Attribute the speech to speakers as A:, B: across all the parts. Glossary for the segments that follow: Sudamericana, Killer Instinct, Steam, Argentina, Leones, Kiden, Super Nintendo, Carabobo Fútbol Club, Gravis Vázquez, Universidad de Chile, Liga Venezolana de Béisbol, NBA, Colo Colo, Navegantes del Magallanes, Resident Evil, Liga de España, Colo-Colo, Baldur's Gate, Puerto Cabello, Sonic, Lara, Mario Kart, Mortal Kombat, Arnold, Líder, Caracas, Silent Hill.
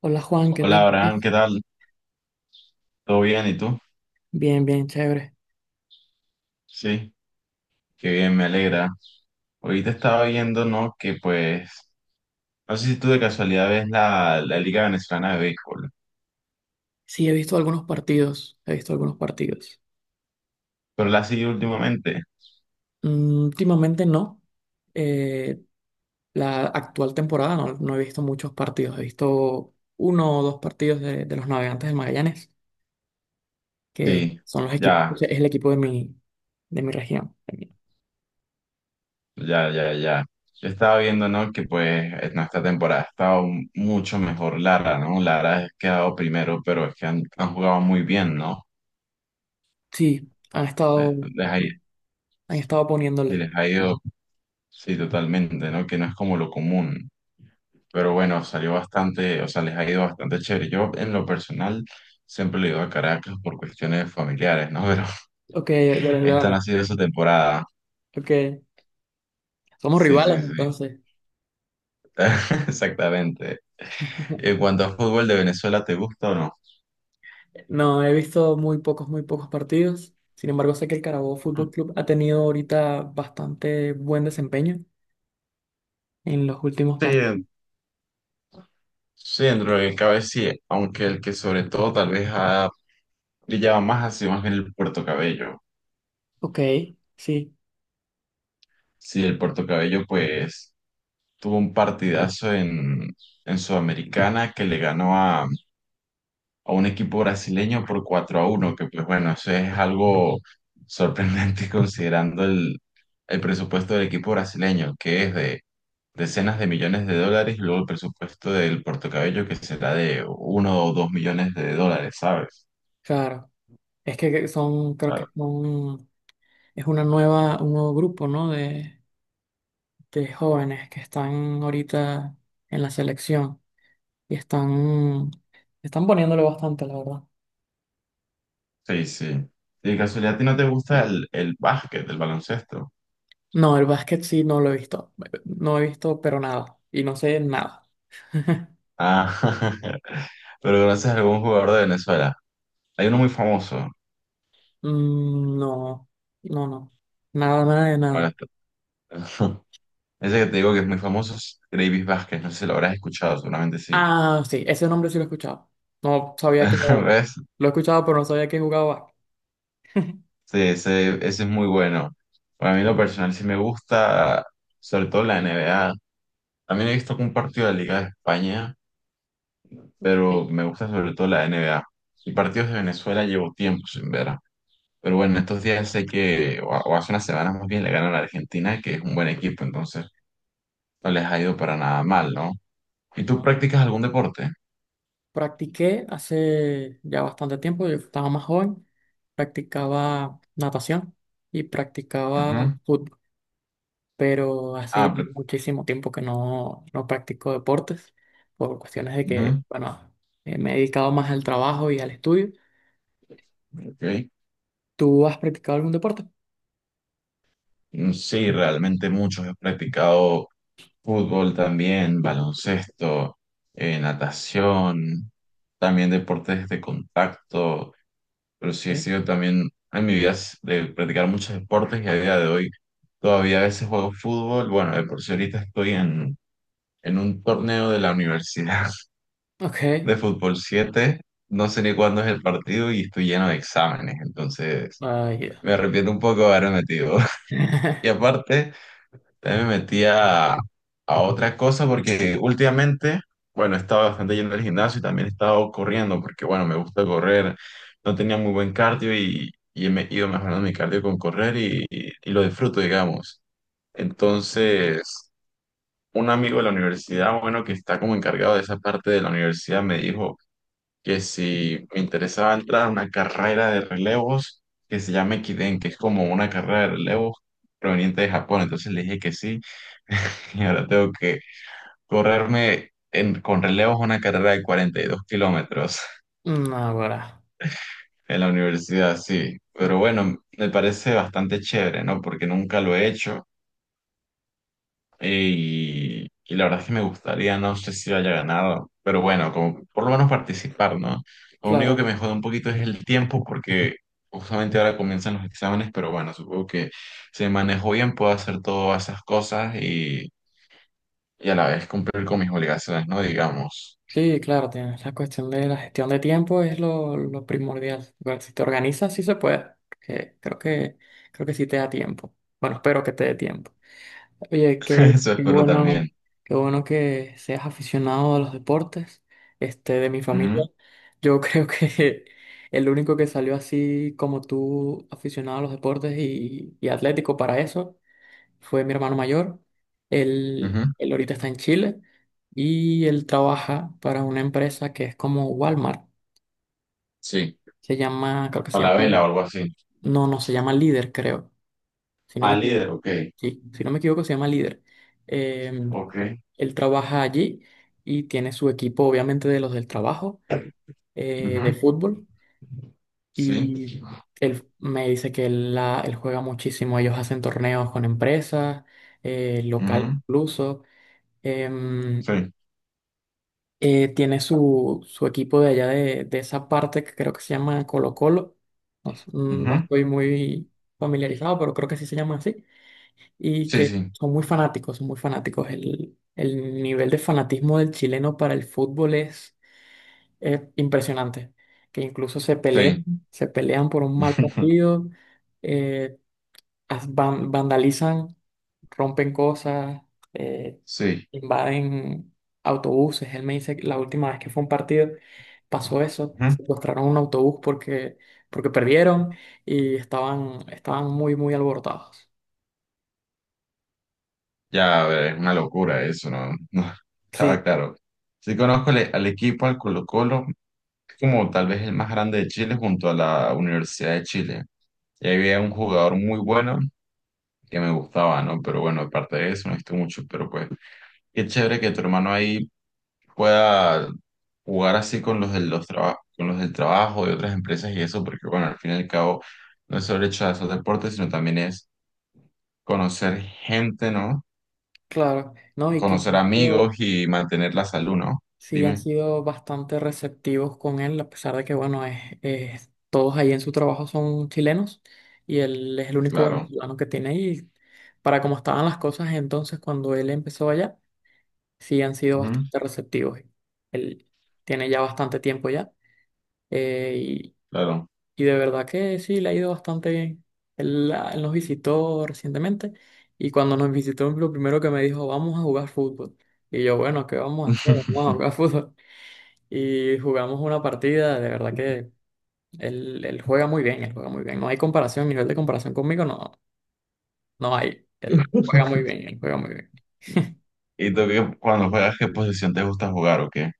A: Hola Juan, ¿qué
B: Hola
A: tal
B: Abraham, ¿qué
A: estás?
B: tal? ¿Todo bien? ¿Y tú?
A: Bien, bien, chévere.
B: Sí, qué bien, me alegra. Ahorita estaba viendo, ¿no? Que pues, no sé si tú de casualidad ves la Liga Venezolana de Béisbol,
A: Sí, he visto algunos partidos, he visto algunos partidos.
B: pero la has seguido últimamente.
A: Mm, últimamente no. Eh, la actual temporada no, no he visto muchos partidos. He visto uno o dos partidos de los Navegantes del Magallanes, que
B: Sí,
A: son los equipos,
B: ya,
A: es el equipo de mi región.
B: ya, ya, ya. Yo estaba viendo, ¿no? Que pues en esta temporada ha estado mucho mejor Lara, ¿no? Lara ha quedado primero, pero es que han jugado muy bien, ¿no?
A: Sí,
B: Les ha,
A: han estado poniéndole.
B: les ha ido, sí, totalmente, ¿no? Que no es como lo común. Pero bueno, salió bastante, o sea, les ha ido bastante chévere. Yo en lo personal siempre le he ido a Caracas por cuestiones familiares, ¿no? Pero
A: Ok, de los
B: esta no ha
A: Leones.
B: sido su temporada.
A: Ok, somos
B: Sí,
A: rivales
B: sí, sí.
A: entonces.
B: Exactamente. En cuanto a fútbol de Venezuela, ¿te gusta o no?
A: No, he visto muy pocos partidos. Sin embargo, sé que el Carabobo Fútbol Club ha tenido ahorita bastante buen desempeño en los últimos
B: Sí,
A: partidos.
B: sí, dentro de lo que cabe sí, aunque el que sobre todo tal vez ha brillado más ha sido más bien el Puerto Cabello.
A: Ok, sí,
B: Sí, el Puerto Cabello pues tuvo un partidazo en Sudamericana que le ganó a un equipo brasileño por 4-1, que pues bueno, eso es algo sorprendente considerando el presupuesto del equipo brasileño, que es de decenas de millones de dólares, y luego el presupuesto del Puerto Cabello, que será de uno o 2 millones de dólares, ¿sabes?
A: claro. Es que son, creo
B: Claro.
A: que son, es una nueva, un nuevo grupo, ¿no? De jóvenes que están ahorita en la selección y están, están poniéndole bastante, la verdad.
B: Sí, sí. Y de casualidad, ¿a ti no te gusta el básquet, el baloncesto?
A: No, el básquet sí no lo he visto. No he visto, pero nada. Y no sé nada.
B: Ah, pero conoces a algún jugador de Venezuela. Hay uno muy famoso.
A: Mm, no, no, no. Nada, nada de nada.
B: Bueno, ese que te digo que es muy famoso es Gravis Vázquez, no sé si lo habrás escuchado, seguramente sí.
A: Ah, sí, ese nombre sí lo he escuchado. No sabía que jugaba.
B: ¿Ves?
A: Lo he escuchado, pero no sabía que jugaba.
B: Sí, ese es muy bueno. Para
A: Ok,
B: mí, en lo personal, sí me gusta, sobre todo la NBA. También he visto un partido de la Liga de España,
A: ok.
B: pero me gusta sobre todo la NBA. Y partidos de Venezuela llevo tiempo sin ver. Pero bueno, estos días sé que, o hace unas semanas más bien, le ganan a Argentina, que es un buen equipo, entonces no les ha ido para nada mal, ¿no? ¿Y tú
A: No, no.
B: practicas algún deporte?
A: Practiqué hace ya bastante tiempo, yo estaba más joven. Practicaba natación y practicaba
B: Ujú.
A: fútbol, pero hace
B: Ah,
A: ya
B: pero
A: muchísimo tiempo que no, no practico deportes por cuestiones de que,
B: ujú.
A: bueno, me he dedicado más al trabajo y al estudio.
B: Ok.
A: ¿Tú has practicado algún deporte?
B: Sí, realmente muchos. He practicado fútbol también, baloncesto, natación, también deportes de contacto, pero sí he
A: ¿Eh?
B: sido también en mi vida de practicar muchos deportes y a día de hoy todavía a veces juego fútbol. Bueno, de por sí ahorita estoy en un torneo de la universidad
A: Ok,
B: de fútbol 7. No sé ni cuándo es el partido y estoy lleno de exámenes, entonces
A: ah, ya.
B: me arrepiento un poco de haberme metido. Y aparte... También me metí a otra cosa porque últimamente, bueno, he estado bastante yendo al gimnasio y también he estado corriendo porque, bueno, me gusta correr. No tenía muy buen cardio y me he ido mejorando mi cardio con correr y lo disfruto, digamos. Entonces, un amigo de la universidad, bueno, que está como encargado de esa parte de la universidad, me dijo que si me interesaba entrar a una carrera de relevos que se llama Kiden, que es como una carrera de relevos proveniente de Japón. Entonces le dije que sí. Y ahora tengo que correrme con relevos una carrera de 42 kilómetros
A: Mm, ahora,
B: en la universidad, sí.
A: mm,
B: Pero bueno, me parece bastante chévere, ¿no? Porque nunca lo he hecho y la verdad es que me gustaría, no sé si haya ganado, pero bueno, como, por lo menos participar, ¿no? Lo único que
A: claro,
B: me jode un poquito es el tiempo porque justamente ahora comienzan los exámenes, pero bueno, supongo que si me manejo bien puedo hacer todas esas cosas y a la vez cumplir con mis obligaciones, ¿no? Digamos,
A: sí, claro, tienes la cuestión de la gestión de tiempo es lo primordial. Igual, si te organizas, sí se puede. Que creo que, creo que sí te da tiempo. Bueno, espero que te dé tiempo. Oye, qué,
B: eso
A: qué
B: espero
A: bueno,
B: también.
A: qué bueno que seas aficionado a los deportes, este, de mi familia. Yo creo que el único que salió así como tú, aficionado a los deportes y atlético para eso, fue mi hermano mayor. Él,
B: Ujú,
A: él ahorita está en Chile y él trabaja para una empresa que es como Walmart.
B: sí,
A: Se llama, creo que
B: a
A: se llama,
B: la vela o algo así.
A: no, no, se llama Líder, creo. Si no me
B: Al líder,
A: equivoco,
B: ok,
A: sí, si no me equivoco, se llama Líder. Eh,
B: ok,
A: Él trabaja allí y tiene su equipo, obviamente, de los del trabajo,
B: ujú,
A: de fútbol.
B: sí,
A: Y él me dice que él, la, él juega muchísimo. Ellos hacen torneos con empresas, local
B: ujú,
A: incluso. Em,
B: sí,
A: tiene su, su equipo de allá de esa parte que creo que se llama Colo Colo. No, mm, no
B: ujú,
A: estoy muy familiarizado, pero creo que sí se llama así. Y
B: sí,
A: que
B: sí,
A: son muy fanáticos, son muy fanáticos. El nivel de fanatismo del chileno para el fútbol es impresionante. Que incluso
B: sí,
A: se pelean por un mal partido. eh, as vandalizan, rompen cosas, eh,
B: sí,
A: invaden autobuses. Él me dice que la última vez que fue a un partido pasó eso,
B: ujú.
A: secuestraron un autobús porque, porque perdieron y estaban, estaban muy, muy alborotados.
B: Ya, a ver, es una locura eso, ¿no? No, estaba
A: Sí,
B: claro. Sí conozco al, e, al equipo, al Colo-Colo, que es como tal vez el más grande de Chile junto a la Universidad de Chile. Y ahí había un jugador muy bueno que me gustaba, ¿no? Pero bueno, aparte de eso, no he visto mucho, pero pues, qué chévere que tu hermano ahí pueda jugar así con los del, con los del trabajo de otras empresas y eso, porque bueno, al fin y al cabo no es solo hecho de hacer deportes, sino también es conocer gente, ¿no?
A: claro, ¿no? Y que
B: Conocer amigos y mantener la salud, ¿no?
A: sí, han
B: Dime,
A: sido bastante receptivos con él, a pesar de que, bueno, es, todos ahí en su trabajo son chilenos y él es el único
B: claro,
A: venezolano que tiene ahí. Para cómo estaban las cosas entonces cuando él empezó allá, sí han sido
B: ujú,
A: bastante receptivos. Él tiene ya bastante tiempo ya, eh, y,
B: claro.
A: y de verdad que sí, le ha ido bastante bien. Él, ah, él nos visitó recientemente y cuando nos visitó lo primero que me dijo, vamos a jugar fútbol. Y yo, bueno, ¿qué vamos a hacer? Vamos a jugar fútbol y jugamos una partida, de verdad que él juega muy bien, él juega muy bien. No hay comparación, nivel de comparación conmigo no, no hay. Él juega muy bien, él juega muy bien.
B: ¿Y tú qué, cuando juegas, qué posición te gusta jugar o qué?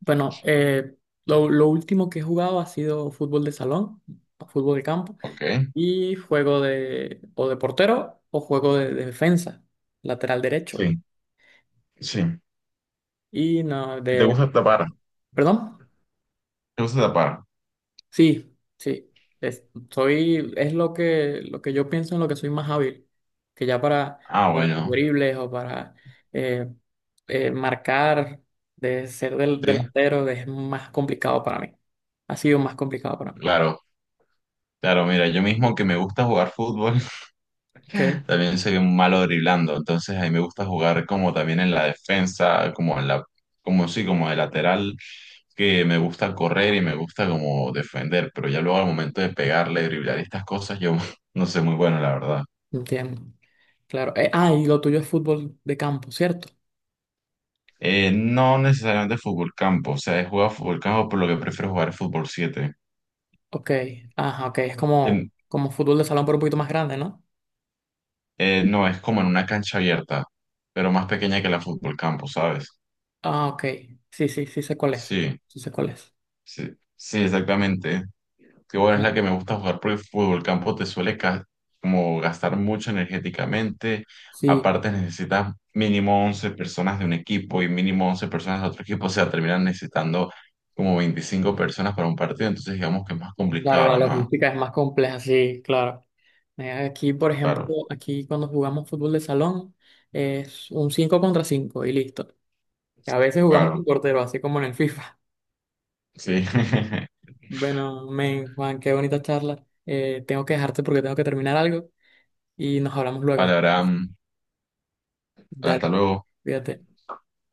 A: Bueno, lo último que he jugado ha sido fútbol de salón, fútbol de campo,
B: ¿Ok?
A: y juego de o de portero o juego de defensa, lateral derecho.
B: Sí, sí.
A: Y no,
B: ¿Y te
A: de...
B: gusta tapar?
A: ¿Perdón?
B: ¿Te gusta tapar?
A: Sí, sí. Es, soy, es lo que yo pienso en lo que soy más hábil. Que ya
B: Ah,
A: para los
B: bueno,
A: dribles o para eh, marcar, de ser del
B: sí,
A: delantero, es más complicado para mí. Ha sido más complicado para mí.
B: claro. Claro, mira, yo mismo que me gusta jugar fútbol.
A: Ok,
B: También soy un malo driblando, entonces a mí me gusta jugar como también en la defensa, como en la, como sí, como de lateral, que me gusta correr y me gusta como defender, pero ya luego al momento de pegarle, driblar y estas cosas, yo no soy muy bueno, la verdad.
A: entiendo. Claro. Ah, y lo tuyo es fútbol de campo, ¿cierto?
B: No necesariamente fútbol campo, o sea, he jugado fútbol campo, por lo que prefiero jugar fútbol 7.
A: Ok. Ajá, ok. Es como,
B: En-
A: como fútbol de salón, pero un poquito más grande, ¿no?
B: no, es como en una cancha abierta, pero más pequeña que la fútbol campo, ¿sabes?
A: Ah, ok. Sí, sí, sí sé cuál es.
B: Sí,
A: Sí sé cuál es.
B: sí, sí, exactamente. Que bueno, es
A: Ah,
B: la que me gusta jugar porque el fútbol campo te suele como gastar mucho energéticamente.
A: sí.
B: Aparte necesitas mínimo 11 personas de un equipo y mínimo 11 personas de otro equipo. O sea, terminan necesitando como 25 personas para un partido. Entonces digamos que es más
A: Claro, la
B: complicado, ¿no?
A: logística es más compleja, sí, claro. Aquí, por ejemplo,
B: Claro,
A: aquí cuando jugamos fútbol de salón es un 5 contra 5 y listo. A veces jugamos
B: claro.
A: con portero, así como en el FIFA.
B: Sí.
A: Bueno, men, Juan, qué bonita charla. Tengo que dejarte porque tengo que terminar algo y nos hablamos
B: Vale,
A: luego.
B: Abraham.
A: Dale,
B: Hasta luego.
A: cuídate.